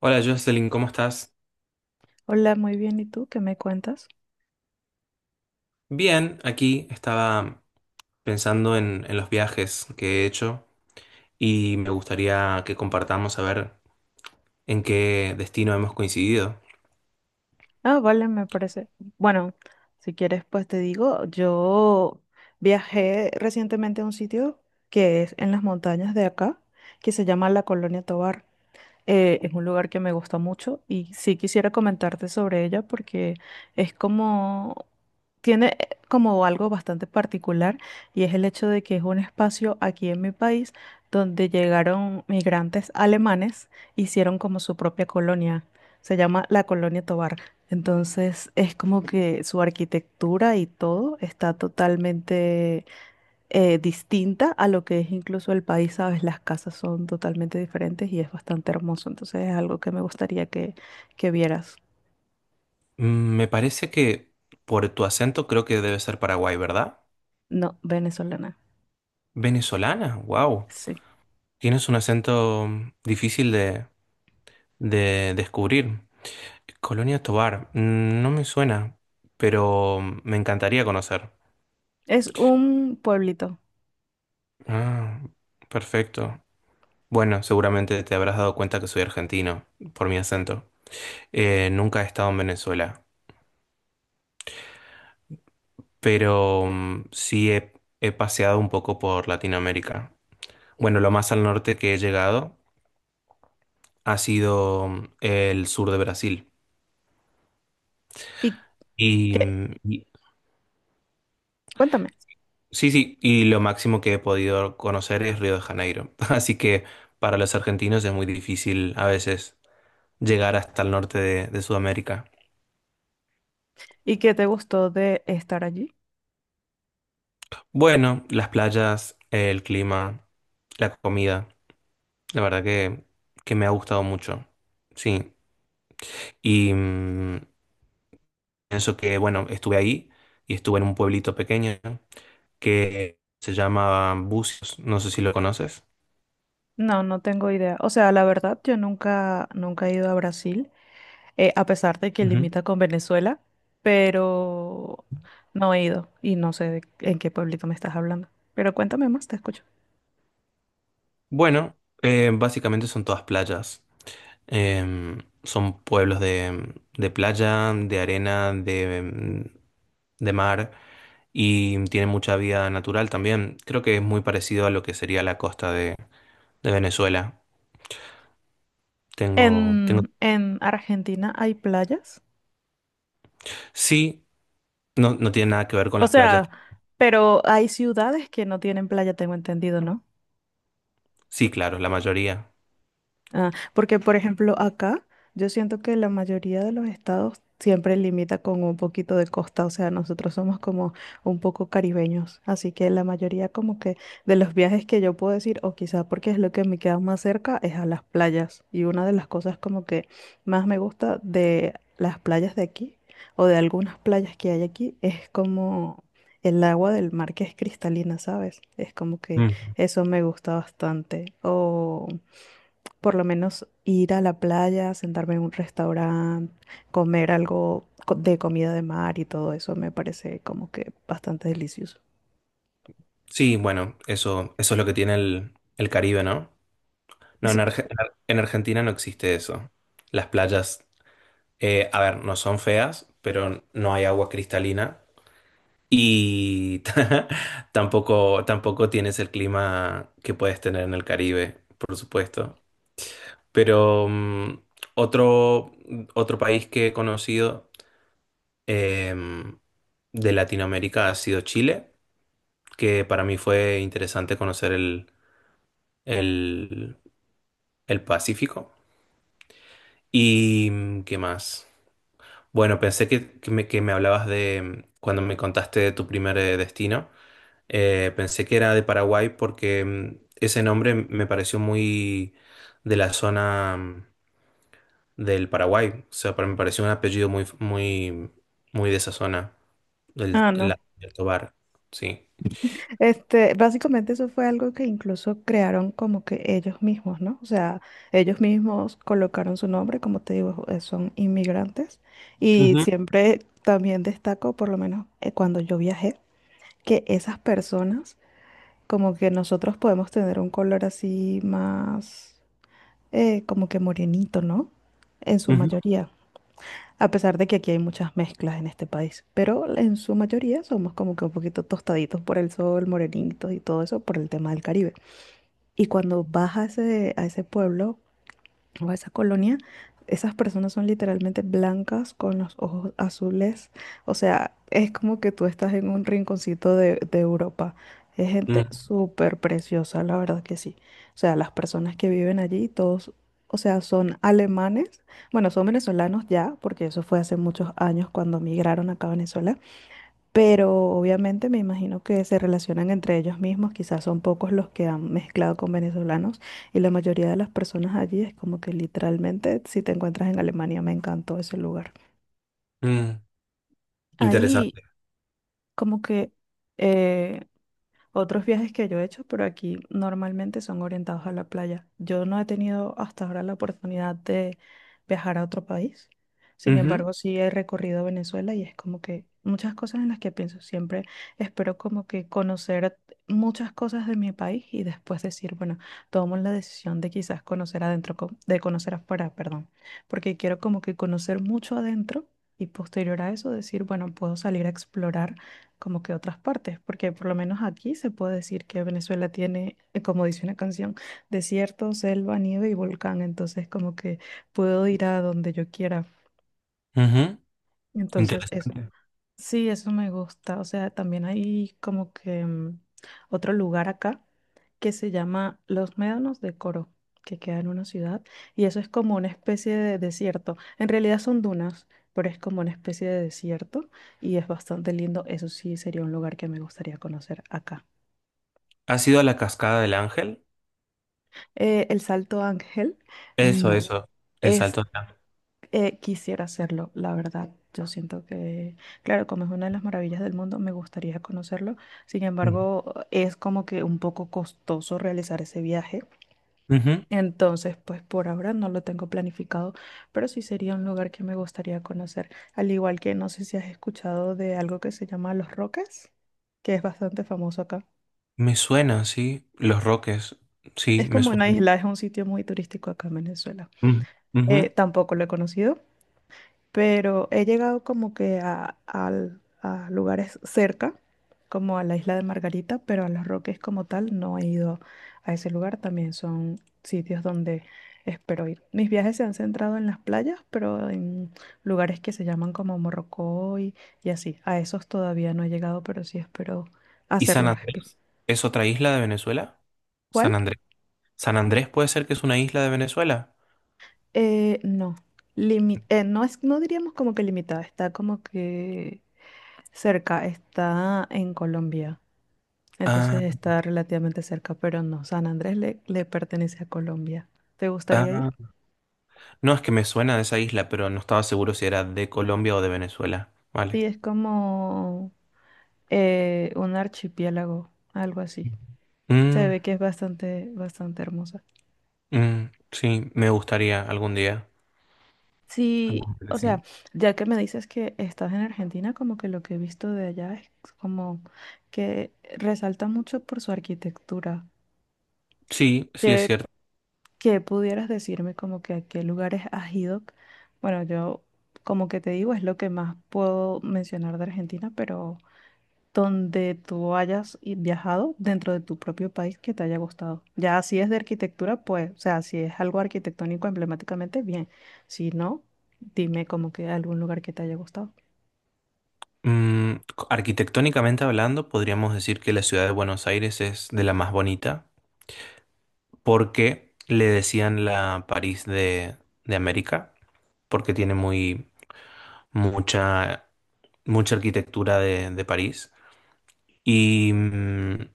Hola, Jocelyn, ¿cómo estás? Hola, muy bien. ¿Y tú qué me cuentas? Bien, aquí estaba pensando en los viajes que he hecho y me gustaría que compartamos, a ver, en qué destino hemos coincidido. Ah, vale, me parece. Bueno, si quieres, pues te digo, yo viajé recientemente a un sitio que es en las montañas de acá, que se llama la Colonia Tovar. Es un lugar que me gusta mucho y sí quisiera comentarte sobre ella porque es como, tiene como algo bastante particular y es el hecho de que es un espacio aquí en mi país donde llegaron migrantes alemanes, hicieron como su propia colonia, se llama la Colonia Tovar. Entonces es como que su arquitectura y todo está totalmente distinta a lo que es incluso el país, ¿sabes? Las casas son totalmente diferentes y es bastante hermoso, entonces es algo que me gustaría que vieras. Me parece que por tu acento creo que debe ser Paraguay, ¿verdad? No, venezolana, Venezolana, wow. sí. Tienes un acento difícil de descubrir. Colonia Tovar, no me suena, pero me encantaría conocer. Es un pueblito. Ah, perfecto. Bueno, seguramente te habrás dado cuenta que soy argentino por mi acento. Nunca he estado en Venezuela, pero he paseado un poco por Latinoamérica. Bueno, lo más al norte que he llegado ha sido, el sur de Brasil. ¿Y Y, qué? mm, y- Cuéntame. sí, sí, y lo máximo que he podido conocer es Río de Janeiro. Así que para los argentinos es muy difícil a veces llegar hasta el norte de Sudamérica. ¿Y qué te gustó de estar allí? Bueno, las playas, el clima, la comida. La verdad que me ha gustado mucho. Sí. Y pienso que, bueno, estuve ahí y estuve en un pueblito pequeño que se llama Bucios. No sé si lo conoces. No, no tengo idea. O sea, la verdad, yo nunca he ido a Brasil, a pesar de que Ujú. limita con Venezuela, pero no he ido y no sé en qué pueblito me estás hablando. Pero cuéntame más, te escucho. Bueno, básicamente son todas playas. Em, Son pueblos de playa, de arena, de mar, y tienen mucha vida natural también. Creo que es muy parecido a lo que sería la costa de Venezuela. Tengo, tengo. En Argentina hay playas. Sí, no, no tiene nada que ver con O las playas. sea, pero hay ciudades que no tienen playa, tengo entendido, ¿no? Sí, claro, la mayoría. Ah, porque, por ejemplo, acá yo siento que la mayoría de los estados siempre limita con un poquito de costa, o sea, nosotros somos como un poco caribeños, así que la mayoría como que de los viajes que yo puedo decir, o quizás porque es lo que me queda más cerca, es a las playas. Y una de las cosas como que más me gusta de las playas de aquí, o de algunas playas que hay aquí, es como el agua del mar que es cristalina, ¿sabes? Es como que Mm. eso me gusta bastante. O por lo menos ir a la playa, sentarme en un restaurante, comer algo de comida de mar y todo eso me parece como que bastante delicioso. Sí, bueno, eso es lo que tiene el Caribe, ¿no? No, Sí. En Argentina no existe eso. Las playas, a ver, no son feas, pero no hay agua cristalina y, tampoco tienes el clima que puedes tener en el Caribe, por supuesto. Pero otro, otro país que he conocido, em, de Latinoamérica, ha sido Chile, que para mí fue interesante conocer el, el Pacífico. ¿Y qué más? Bueno, pensé que, que me hablabas de, cuando me contaste de tu primer, destino, pensé que era de Paraguay porque, ese nombre me pareció muy de la zona, del Paraguay. O sea, para me pareció un apellido muy de esa zona, Ah, no. Del Tobar. Sí. Este, básicamente eso fue algo que incluso crearon como que ellos mismos, ¿no? O sea, ellos mismos colocaron su nombre, como te digo, son inmigrantes. Y Ujú, siempre también destaco, por lo menos cuando yo viajé, que esas personas, como que nosotros podemos tener un color así más como que morenito, ¿no? En su ujú, mayoría. A pesar de que aquí hay muchas mezclas en este país, pero en su mayoría somos como que un poquito tostaditos por el sol, morenitos y todo eso por el tema del Caribe. Y cuando vas a ese pueblo, o a esa colonia, esas personas son literalmente blancas con los ojos azules. O sea, es como que tú estás en un rinconcito de Europa. Es gente ujú, súper preciosa, la verdad que sí. O sea, las personas que viven allí, todos, o sea, son alemanes. Bueno, son venezolanos ya, porque eso fue hace muchos años cuando migraron acá a Venezuela, pero obviamente me imagino que se relacionan entre ellos mismos, quizás son pocos los que han mezclado con venezolanos y la mayoría de las personas allí es como que literalmente si te encuentras en Alemania, me encantó ese lugar. ujú. Ahí Interesante. como que eh, otros viajes que yo he hecho, pero aquí normalmente son orientados a la playa. Yo no he tenido hasta ahora la oportunidad de viajar a otro país. Sin Ujú, embargo, sí he recorrido Venezuela y es como que muchas cosas en las que pienso. Siempre espero como que conocer muchas cosas de mi país y después decir, bueno, tomo la decisión de quizás conocer adentro, de conocer afuera, perdón, porque quiero como que conocer mucho adentro y posterior a eso decir, bueno, puedo salir a explorar como que otras partes, porque por lo menos aquí se puede decir que Venezuela tiene, como dice una canción, desierto, selva, nieve y volcán, entonces como que puedo ir a donde yo quiera. ujú. Entonces, es. Interesante. Sí, eso me gusta. O sea, también hay como que otro lugar acá que se llama Los Médanos de Coro, que queda en una ciudad, y eso es como una especie de desierto. En realidad son dunas, pero es como una especie de desierto y es bastante lindo. Eso sí sería un lugar que me gustaría conocer acá. ¿Has ido a la cascada del Ángel? El Salto Ángel, Eso, no. eso, el Es. salto del Ángel. Quisiera hacerlo, la verdad. Yo siento que, claro, como es una de las maravillas del mundo, me gustaría conocerlo. Sin embargo, es como que un poco costoso realizar ese viaje. Ujú. Ujú. Entonces, pues por ahora no lo tengo planificado, pero sí sería un lugar que me gustaría conocer. Al igual que no sé si has escuchado de algo que se llama Los Roques, que es bastante famoso acá. Me suena, sí. Los Roques, sí, Es me como una suena. isla, es un sitio muy turístico acá en Venezuela. Ujú. Ujú. Tampoco lo he conocido, pero he llegado como que a, a lugares cerca, como a la isla de Margarita, pero a Los Roques como tal no he ido a ese lugar. También son sitios donde espero ir. Mis viajes se han centrado en las playas, pero en lugares que se llaman como Morrocoy y así. A esos todavía no he llegado, pero sí espero ¿Y San hacerlo. Andrés? ¿Es otra isla de Venezuela? San ¿Cuál? Andrés. ¿San Andrés puede ser que es una isla de Venezuela? No. No es, no diríamos como que limitada, está como que cerca, está en Colombia. Ah, Entonces está relativamente cerca, pero no, San Andrés le, le pertenece a Colombia. ¿Te gustaría ir? ah. No, es que me suena de esa isla, pero no estaba seguro si era de Colombia o de Venezuela. Vale. Sí, es como un archipiélago, algo así. Se Mm, ve que es bastante, bastante hermosa. Sí, me gustaría algún día. Sí, Algún día. o sea, Sí, ya que me dices que estás en Argentina, como que lo que he visto de allá es como que resalta mucho por su arquitectura, sí, sí es que cierto. ¿qué pudieras decirme como que a qué lugares has ido? Bueno, yo como que te digo es lo que más puedo mencionar de Argentina, pero donde tú hayas viajado dentro de tu propio país que te haya gustado. Ya si es de arquitectura, pues, o sea, si es algo arquitectónico emblemáticamente, bien. Si no, dime como que algún lugar que te haya gustado. Mm, Arquitectónicamente hablando, podríamos decir que la ciudad de Buenos Aires es de la más bonita, porque le decían la París de América, porque tiene mucha, mucha arquitectura de París. Y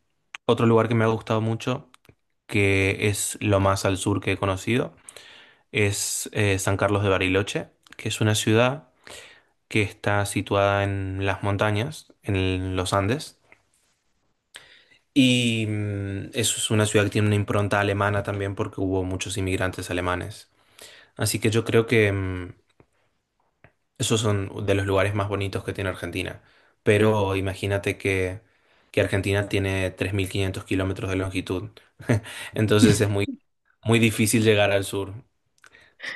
otro lugar que me ha gustado mucho, que es lo más al sur que he conocido, es San Carlos de Bariloche, que es una ciudad que está situada en las montañas, en los Andes. Y eso es una ciudad que tiene una impronta alemana también, porque hubo muchos inmigrantes alemanes. Así que yo creo que, esos son de los lugares más bonitos que tiene Argentina. Pero imagínate que Argentina tiene 3500 km de longitud. Entonces es muy difícil llegar al sur.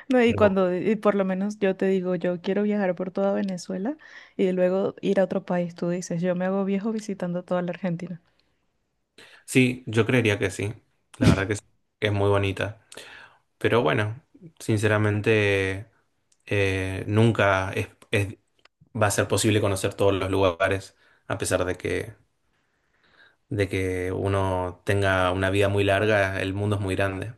No, y Pero cuando, y por lo menos yo te digo, yo quiero viajar por toda Venezuela y luego ir a otro país, tú dices, yo me hago viejo visitando toda la Argentina. sí, yo creería que sí. La verdad que sí, que es muy bonita. Pero bueno, sinceramente, nunca va a ser posible conocer todos los lugares, a pesar de que uno tenga una vida muy larga. El mundo es muy grande.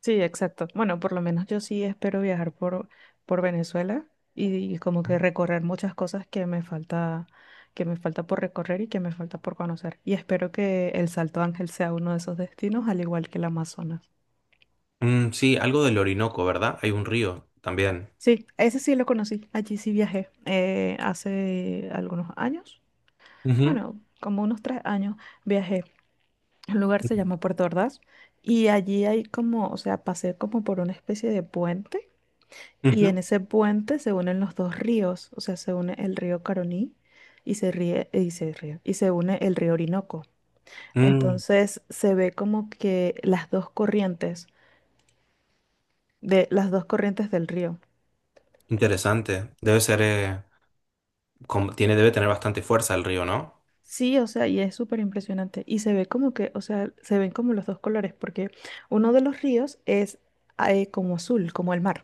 Sí, exacto. Bueno, por lo menos yo sí espero viajar por Venezuela y, como que recorrer muchas cosas que me falta por recorrer y que me falta por conocer. Y espero que el Salto Ángel sea uno de esos destinos, al igual que el Amazonas. Mm, sí, algo del Orinoco, ¿verdad? Hay un río también. Sí, ese sí lo conocí. Allí sí viajé hace algunos años. Ujú, Bueno, como unos 3 años viajé. El lugar se llama Puerto Ordaz y allí hay como, o sea, pasé como por una especie de puente. Y en ujú. ese puente se unen los dos ríos, o sea, se une el río Caroní y se une el río Orinoco. Mm, Entonces se ve como que las dos corrientes de las dos corrientes del río. interesante. Debe ser, tiene, debe tener bastante fuerza el río, ¿no? Sí, o sea, y es súper impresionante. Y se ve como que, o sea, se ven como los dos colores, porque uno de los ríos es como azul, como el mar.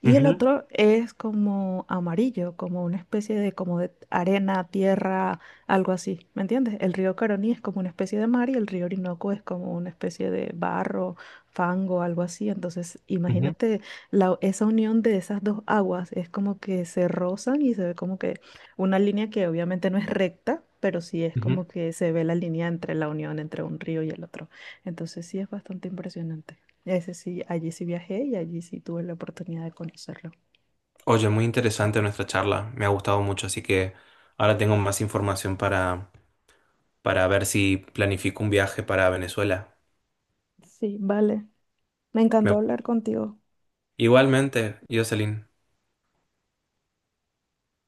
Y el Ujú, otro es como amarillo, como una especie de, como de arena, tierra, algo así, ¿me entiendes? El río Caroní es como una especie de mar y el río Orinoco es como una especie de barro, fango, algo así. Entonces, ujú, imagínate la, esa unión de esas dos aguas, es como que se rozan y se ve como que una línea que obviamente no es recta, pero sí es ujú. como que se ve la línea entre la unión entre un río y el otro. Entonces, sí es bastante impresionante. Ese sí, allí sí viajé y allí sí tuve la oportunidad de conocerlo. Oye, muy interesante nuestra charla. Me ha gustado mucho, así que ahora tengo más información para ver si planifico un viaje para Venezuela. Sí, vale. Me encantó Me-, hablar contigo. igualmente, Jocelyn.